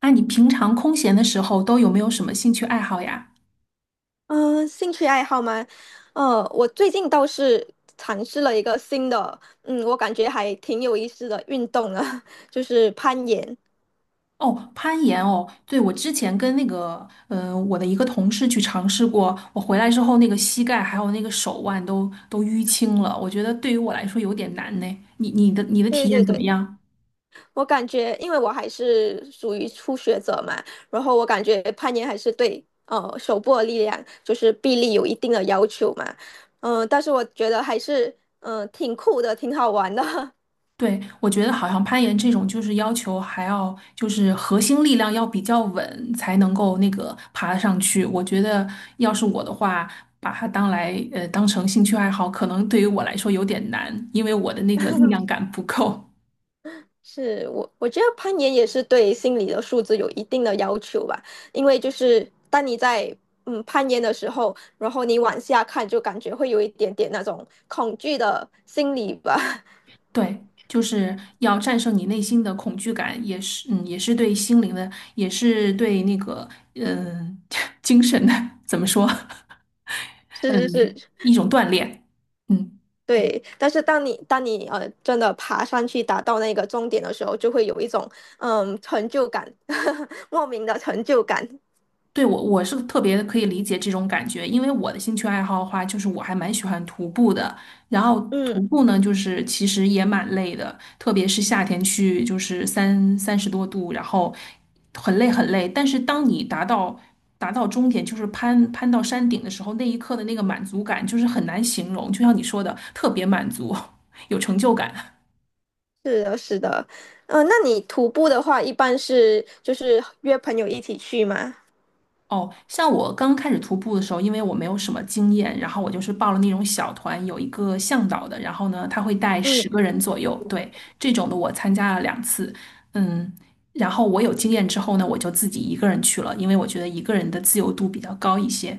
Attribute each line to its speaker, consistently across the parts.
Speaker 1: 那你平常空闲的时候都有没有什么兴趣爱好呀？
Speaker 2: 嗯，兴趣爱好吗？我最近倒是尝试了一个新的，我感觉还挺有意思的运动呢，就是攀岩。
Speaker 1: 哦，攀岩哦，对，我之前跟那个，我的一个同事去尝试过，我回来之后那个膝盖还有那个手腕都淤青了，我觉得对于我来说有点难呢。你的
Speaker 2: 对
Speaker 1: 体验
Speaker 2: 对
Speaker 1: 怎么
Speaker 2: 对，
Speaker 1: 样？
Speaker 2: 我感觉，因为我还是属于初学者嘛，然后我感觉攀岩还是对手部的力量，就是臂力有一定的要求嘛。但是我觉得还是挺酷的，挺好玩的。
Speaker 1: 对，我觉得好像攀岩这种就是要求还要就是核心力量要比较稳才能够那个爬上去。我觉得要是我的话，把它当成兴趣爱好，可能对于我来说有点难，因为我的那个力量 感不够。
Speaker 2: 是我觉得攀岩也是对心理的素质有一定的要求吧，因为就是当你在攀岩的时候，然后你往下看，就感觉会有一点点那种恐惧的心理吧。
Speaker 1: 对，就是要战胜你内心的恐惧感，也是也是对心灵的，也是对那个嗯、呃 精神的怎么说
Speaker 2: 是是
Speaker 1: 嗯
Speaker 2: 是，
Speaker 1: 一种锻炼。嗯。
Speaker 2: 对。但是当你真的爬上去达到那个终点的时候，就会有一种成就感，莫名的成就感。
Speaker 1: 对，我是特别可以理解这种感觉，因为我的兴趣爱好的话，就是我还蛮喜欢徒步的。然后
Speaker 2: 嗯，
Speaker 1: 徒步呢，就是其实也蛮累的，特别是夏天去，就是三十多度，然后很累很累。但是当你达到终点，就是攀到山顶的时候，那一刻的那个满足感，就是很难形容。就像你说的，特别满足，有成就感。
Speaker 2: 是的，是的。那你徒步的话，一般是就是约朋友一起去吗？
Speaker 1: 哦，像我刚开始徒步的时候，因为我没有什么经验，然后我就是报了那种小团，有一个向导的，然后呢，他会带十个
Speaker 2: 嗯。
Speaker 1: 人左右，对，这种的我参加了两次，嗯，然后我有经验之后呢，我就自己一个人去了，因为我觉得一个人的自由度比较高一些。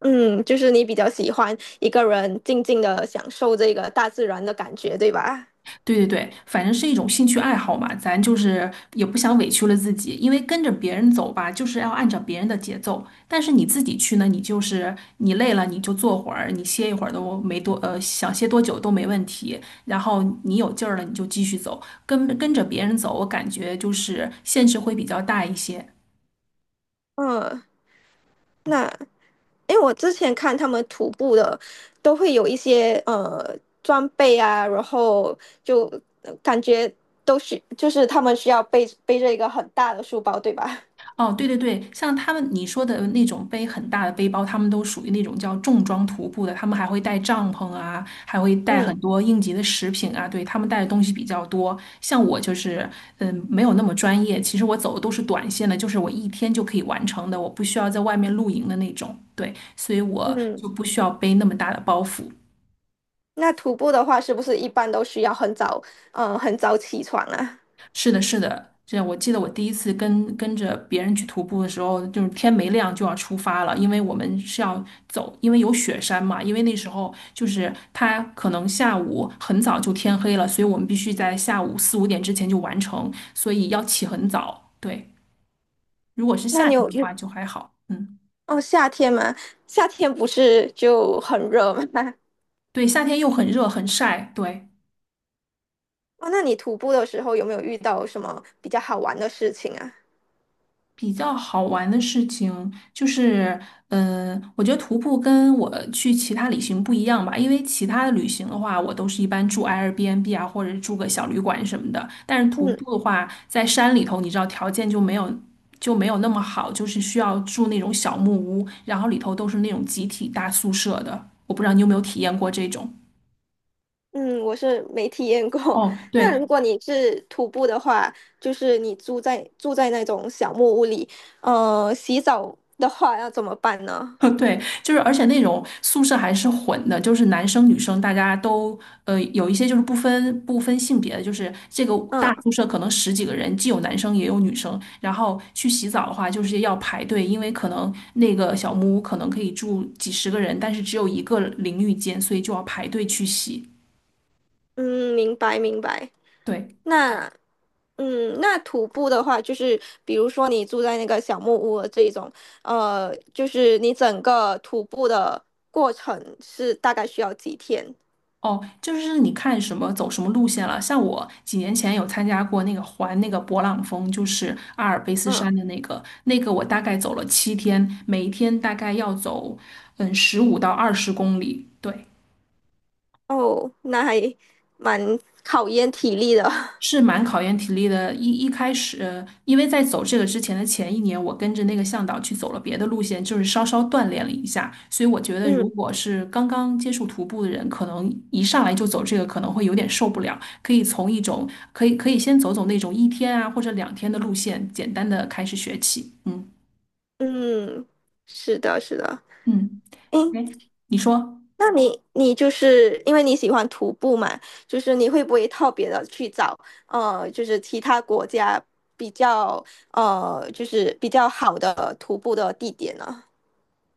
Speaker 2: 嗯，就是你比较喜欢一个人静静的享受这个大自然的感觉，对吧？
Speaker 1: 对对对，反正是一种兴趣爱好嘛，咱就是也不想委屈了自己，因为跟着别人走吧，就是要按照别人的节奏。但是你自己去呢，你就是你累了你就坐会儿，你歇一会儿都没多，呃，想歇多久都没问题。然后你有劲儿了，你就继续走，跟着别人走，我感觉就是限制会比较大一些。
Speaker 2: 嗯，那因为我之前看他们徒步的，都会有一些装备啊，然后就感觉都是就是他们需要背着一个很大的书包，对吧？
Speaker 1: 哦，对对对，像他们你说的那种背很大的背包，他们都属于那种叫重装徒步的，他们还会带帐篷啊，还会带
Speaker 2: 嗯
Speaker 1: 很多应急的食品啊，对，他们带的东西比较多。像我就是，没有那么专业，其实我走的都是短线的，就是我一天就可以完成的，我不需要在外面露营的那种，对，所以我就
Speaker 2: 嗯，
Speaker 1: 不需要背那么大的包袱。
Speaker 2: 那徒步的话，是不是一般都需要很早起床啊？
Speaker 1: 是的，是的，这我记得我第一次跟着别人去徒步的时候，就是天没亮就要出发了，因为我们是要走，因为有雪山嘛，因为那时候就是它可能下午很早就天黑了，所以我们必须在下午四五点之前就完成，所以要起很早。对，如果是
Speaker 2: 那
Speaker 1: 夏
Speaker 2: 你
Speaker 1: 天
Speaker 2: 有
Speaker 1: 的
Speaker 2: 有
Speaker 1: 话就还好，嗯，
Speaker 2: 哦夏天吗？夏天不是就很热吗？
Speaker 1: 对，夏天又很热很晒，对。
Speaker 2: 哦，那你徒步的时候有没有遇到什么比较好玩的事情啊？
Speaker 1: 比较好玩的事情就是，我觉得徒步跟我去其他旅行不一样吧，因为其他的旅行的话，我都是一般住 Airbnb 啊，或者住个小旅馆什么的。但是徒
Speaker 2: 嗯
Speaker 1: 步的话，在山里头，你知道条件就没有那么好，就是需要住那种小木屋，然后里头都是那种集体大宿舍的。我不知道你有没有体验过这种。
Speaker 2: 嗯，我是没体验过。
Speaker 1: 哦，
Speaker 2: 那
Speaker 1: 对，
Speaker 2: 如果你是徒步的话，就是你住在那种小木屋里，洗澡的话要怎么办呢？
Speaker 1: 对，就是而且那种宿舍还是混的，就是男生女生大家都有一些就是不分性别的，就是这个
Speaker 2: 嗯
Speaker 1: 大宿舍可能十几个人，既有男生也有女生。然后去洗澡的话，就是要排队，因为可能那个小木屋可能可以住几十个人，但是只有一个淋浴间，所以就要排队去洗。
Speaker 2: 嗯，明白明白。
Speaker 1: 对。
Speaker 2: 那那徒步的话，就是比如说你住在那个小木屋的这种，就是你整个徒步的过程是大概需要几天？
Speaker 1: 哦，就是你看什么走什么路线了。像我几年前有参加过那个环那个勃朗峰，就是阿尔卑斯
Speaker 2: 嗯。
Speaker 1: 山的那个，那个我大概走了7天，每一天大概要走15到20公里。对，
Speaker 2: 哦，那还蛮考验体力的。
Speaker 1: 是蛮考验体力的。一开始，因为在走这个之前的前一年，我跟着那个向导去走了别的路线，就是稍稍锻炼了一下。所以我觉得，如
Speaker 2: 嗯
Speaker 1: 果是刚刚接触徒步的人，可能一上来就走这个，可能会有点受不了。可以从一种可以可以先走走那种一天啊或者2天的路线，简单的开始学起。嗯
Speaker 2: 嗯，是的，是的。
Speaker 1: 嗯，
Speaker 2: 诶，
Speaker 1: 哎，你说。
Speaker 2: 那你就是因为你喜欢徒步嘛，就是你会不会特别的去找就是其他国家比较就是比较好的徒步的地点呢？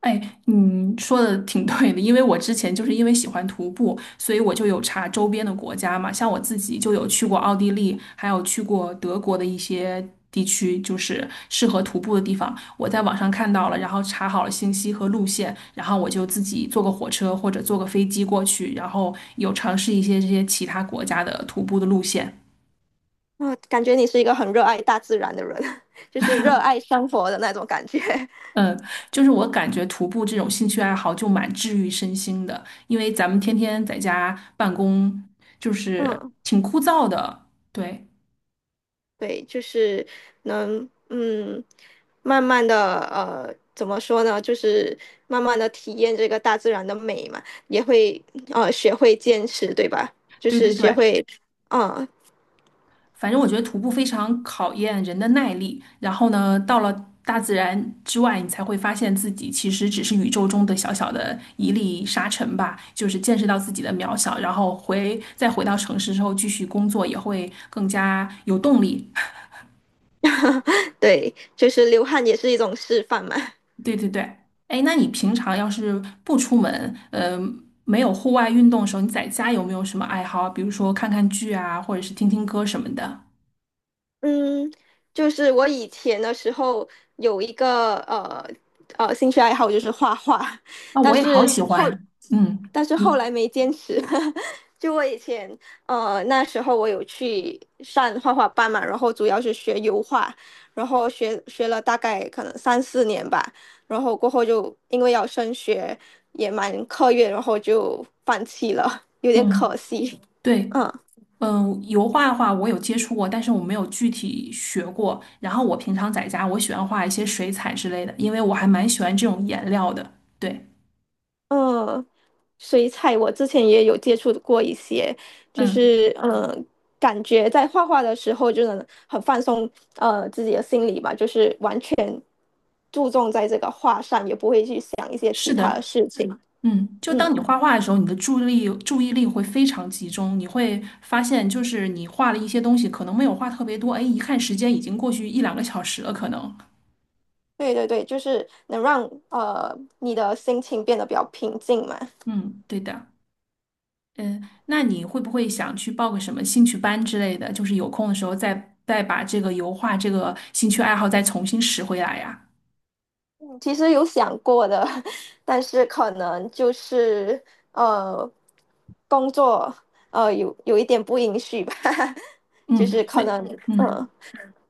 Speaker 1: 哎，你说的挺对的，因为我之前就是因为喜欢徒步，所以我就有查周边的国家嘛，像我自己就有去过奥地利，还有去过德国的一些地区，就是适合徒步的地方。我在网上看到了，然后查好了信息和路线，然后我就自己坐个火车或者坐个飞机过去，然后有尝试一些这些其他国家的徒步的路线。
Speaker 2: 嗯，感觉你是一个很热爱大自然的人，就是热爱生活的那种感觉。
Speaker 1: 嗯，就是我感觉徒步这种兴趣爱好就蛮治愈身心的，因为咱们天天在家办公，就是
Speaker 2: 嗯。
Speaker 1: 挺枯燥的。对，
Speaker 2: 对，就是能慢慢的怎么说呢？就是慢慢的体验这个大自然的美嘛，也会学会坚持，对吧？就
Speaker 1: 对
Speaker 2: 是
Speaker 1: 对
Speaker 2: 学
Speaker 1: 对，
Speaker 2: 会，嗯、
Speaker 1: 反正我觉得徒步非常考验人的耐力。然后呢，到了大自然之外，你才会发现自己其实只是宇宙中的小小的一粒沙尘吧，就是见识到自己的渺小。然后再回到城市之后，继续工作也会更加有动力。
Speaker 2: 对，就是流汗也是一种示范嘛。
Speaker 1: 对对对，哎，那你平常要是不出门，没有户外运动的时候，你在家有没有什么爱好啊比如说看看剧啊，或者是听听歌什么的。
Speaker 2: 嗯，就是我以前的时候有一个兴趣爱好就是画画，
Speaker 1: 啊，
Speaker 2: 但
Speaker 1: 我也好
Speaker 2: 是
Speaker 1: 喜
Speaker 2: 后
Speaker 1: 欢。嗯，
Speaker 2: 但是后
Speaker 1: 你
Speaker 2: 来没坚持。就我以前，那时候我有去上画画班嘛，然后主要是学油画，然后学了大概可能三四年吧，然后过后就因为要升学，也蛮课业，然后就放弃了，有点可
Speaker 1: 嗯，
Speaker 2: 惜。
Speaker 1: 对，
Speaker 2: 嗯
Speaker 1: 油画的话我有接触过，但是我没有具体学过。然后我平常在家，我喜欢画一些水彩之类的，因为我还蛮喜欢这种颜料的。对，
Speaker 2: 嗯，水彩我之前也有接触过一些，就
Speaker 1: 嗯，
Speaker 2: 是感觉在画画的时候就能很放松，自己的心理吧，就是完全注重在这个画上，也不会去想一些
Speaker 1: 是
Speaker 2: 其他的
Speaker 1: 的。
Speaker 2: 事情。
Speaker 1: 嗯，就当你
Speaker 2: 嗯，
Speaker 1: 画画的时候，你的注意力会非常集中，你会发现，就是你画了一些东西，可能没有画特别多，哎，一看时间已经过去一两个小时了，可能。
Speaker 2: 对对对，就是能让你的心情变得比较平静嘛。
Speaker 1: 嗯，对的。嗯，那你会不会想去报个什么兴趣班之类的？就是有空的时候再把这个油画这个兴趣爱好再重新拾回来呀？
Speaker 2: 其实有想过的，但是可能就是呃工作有一点不允许吧，就
Speaker 1: 嗯，
Speaker 2: 是可
Speaker 1: 对，
Speaker 2: 能嗯。
Speaker 1: 嗯，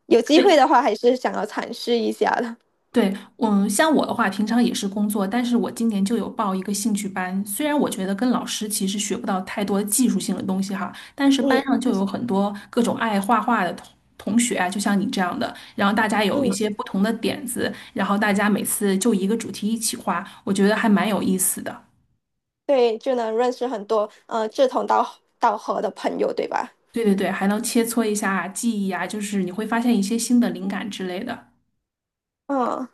Speaker 2: 有机会
Speaker 1: 对。
Speaker 2: 的话，还是想要尝试一下的。
Speaker 1: 对，像我的话，平常也是工作，但是我今年就有报一个兴趣班。虽然我觉得跟老师其实学不到太多技术性的东西哈，但是班
Speaker 2: 嗯
Speaker 1: 上就有很多各种爱画画的同学啊，就像你这样的，然后大家有一
Speaker 2: 嗯，
Speaker 1: 些不同的点子，然后大家每次就一个主题一起画，我觉得还蛮有意思的。
Speaker 2: 对，就能认识很多志同道合的朋友，对吧？
Speaker 1: 对对对，还能切磋一下技艺啊，就是你会发现一些新的灵感之类的。
Speaker 2: 嗯，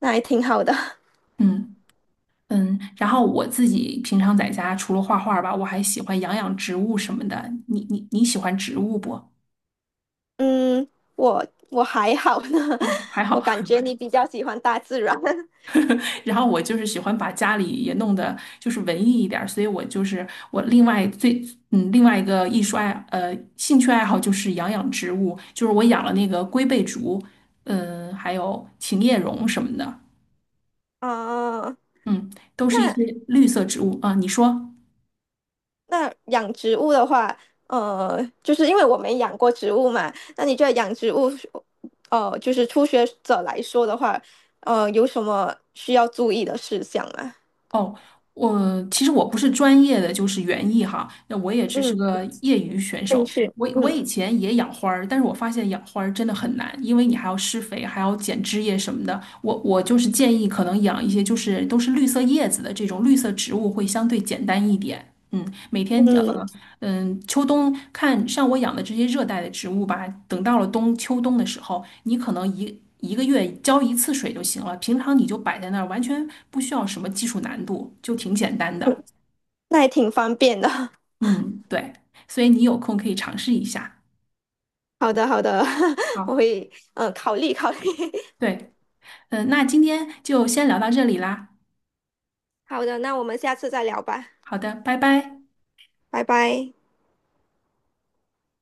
Speaker 2: 那还挺好的。
Speaker 1: 嗯。嗯，然后我自己平常在家除了画画吧，我还喜欢养养植物什么的。你喜欢植物不？
Speaker 2: 嗯，我我还好呢，
Speaker 1: 哦，还
Speaker 2: 我
Speaker 1: 好。
Speaker 2: 感觉你比较喜欢大自然。
Speaker 1: 然后我就是喜欢把家里也弄得就是文艺一点儿，所以我就是我另外最嗯另外一个艺术爱呃兴趣爱好就是养养植物，就是我养了那个龟背竹，嗯，还有琴叶榕什么的，
Speaker 2: 嗯，
Speaker 1: 嗯，都是一
Speaker 2: 那
Speaker 1: 些绿色植物啊。你说？
Speaker 2: 那养植物的话，就是因为我没养过植物嘛，那你觉得养植物，就是初学者来说的话，有什么需要注意的事项吗？
Speaker 1: 哦，我其实不是专业的，就是园艺哈，那我也只是
Speaker 2: 嗯，
Speaker 1: 个业余选
Speaker 2: 兴
Speaker 1: 手。
Speaker 2: 趣，
Speaker 1: 我
Speaker 2: 嗯。
Speaker 1: 以前也养花儿，但是我发现养花儿真的很难，因为你还要施肥，还要剪枝叶什么的。我就是建议，可能养一些就是都是绿色叶子的这种绿色植物会相对简单一点。嗯，每天呃
Speaker 2: 嗯，
Speaker 1: 嗯，秋冬看像我养的这些热带的植物吧，等到了秋冬的时候，你可能一个月浇一次水就行了，平常你就摆在那儿，完全不需要什么技术难度，就挺简单的。
Speaker 2: 嗯那也挺方便的。
Speaker 1: 嗯，对，所以你有空可以尝试一下。
Speaker 2: 好的，好的，我
Speaker 1: 好，
Speaker 2: 会考虑考虑。
Speaker 1: 对，那今天就先聊到这里啦。
Speaker 2: 好的，那我们下次再聊吧，
Speaker 1: 好的，拜拜。
Speaker 2: 拜拜。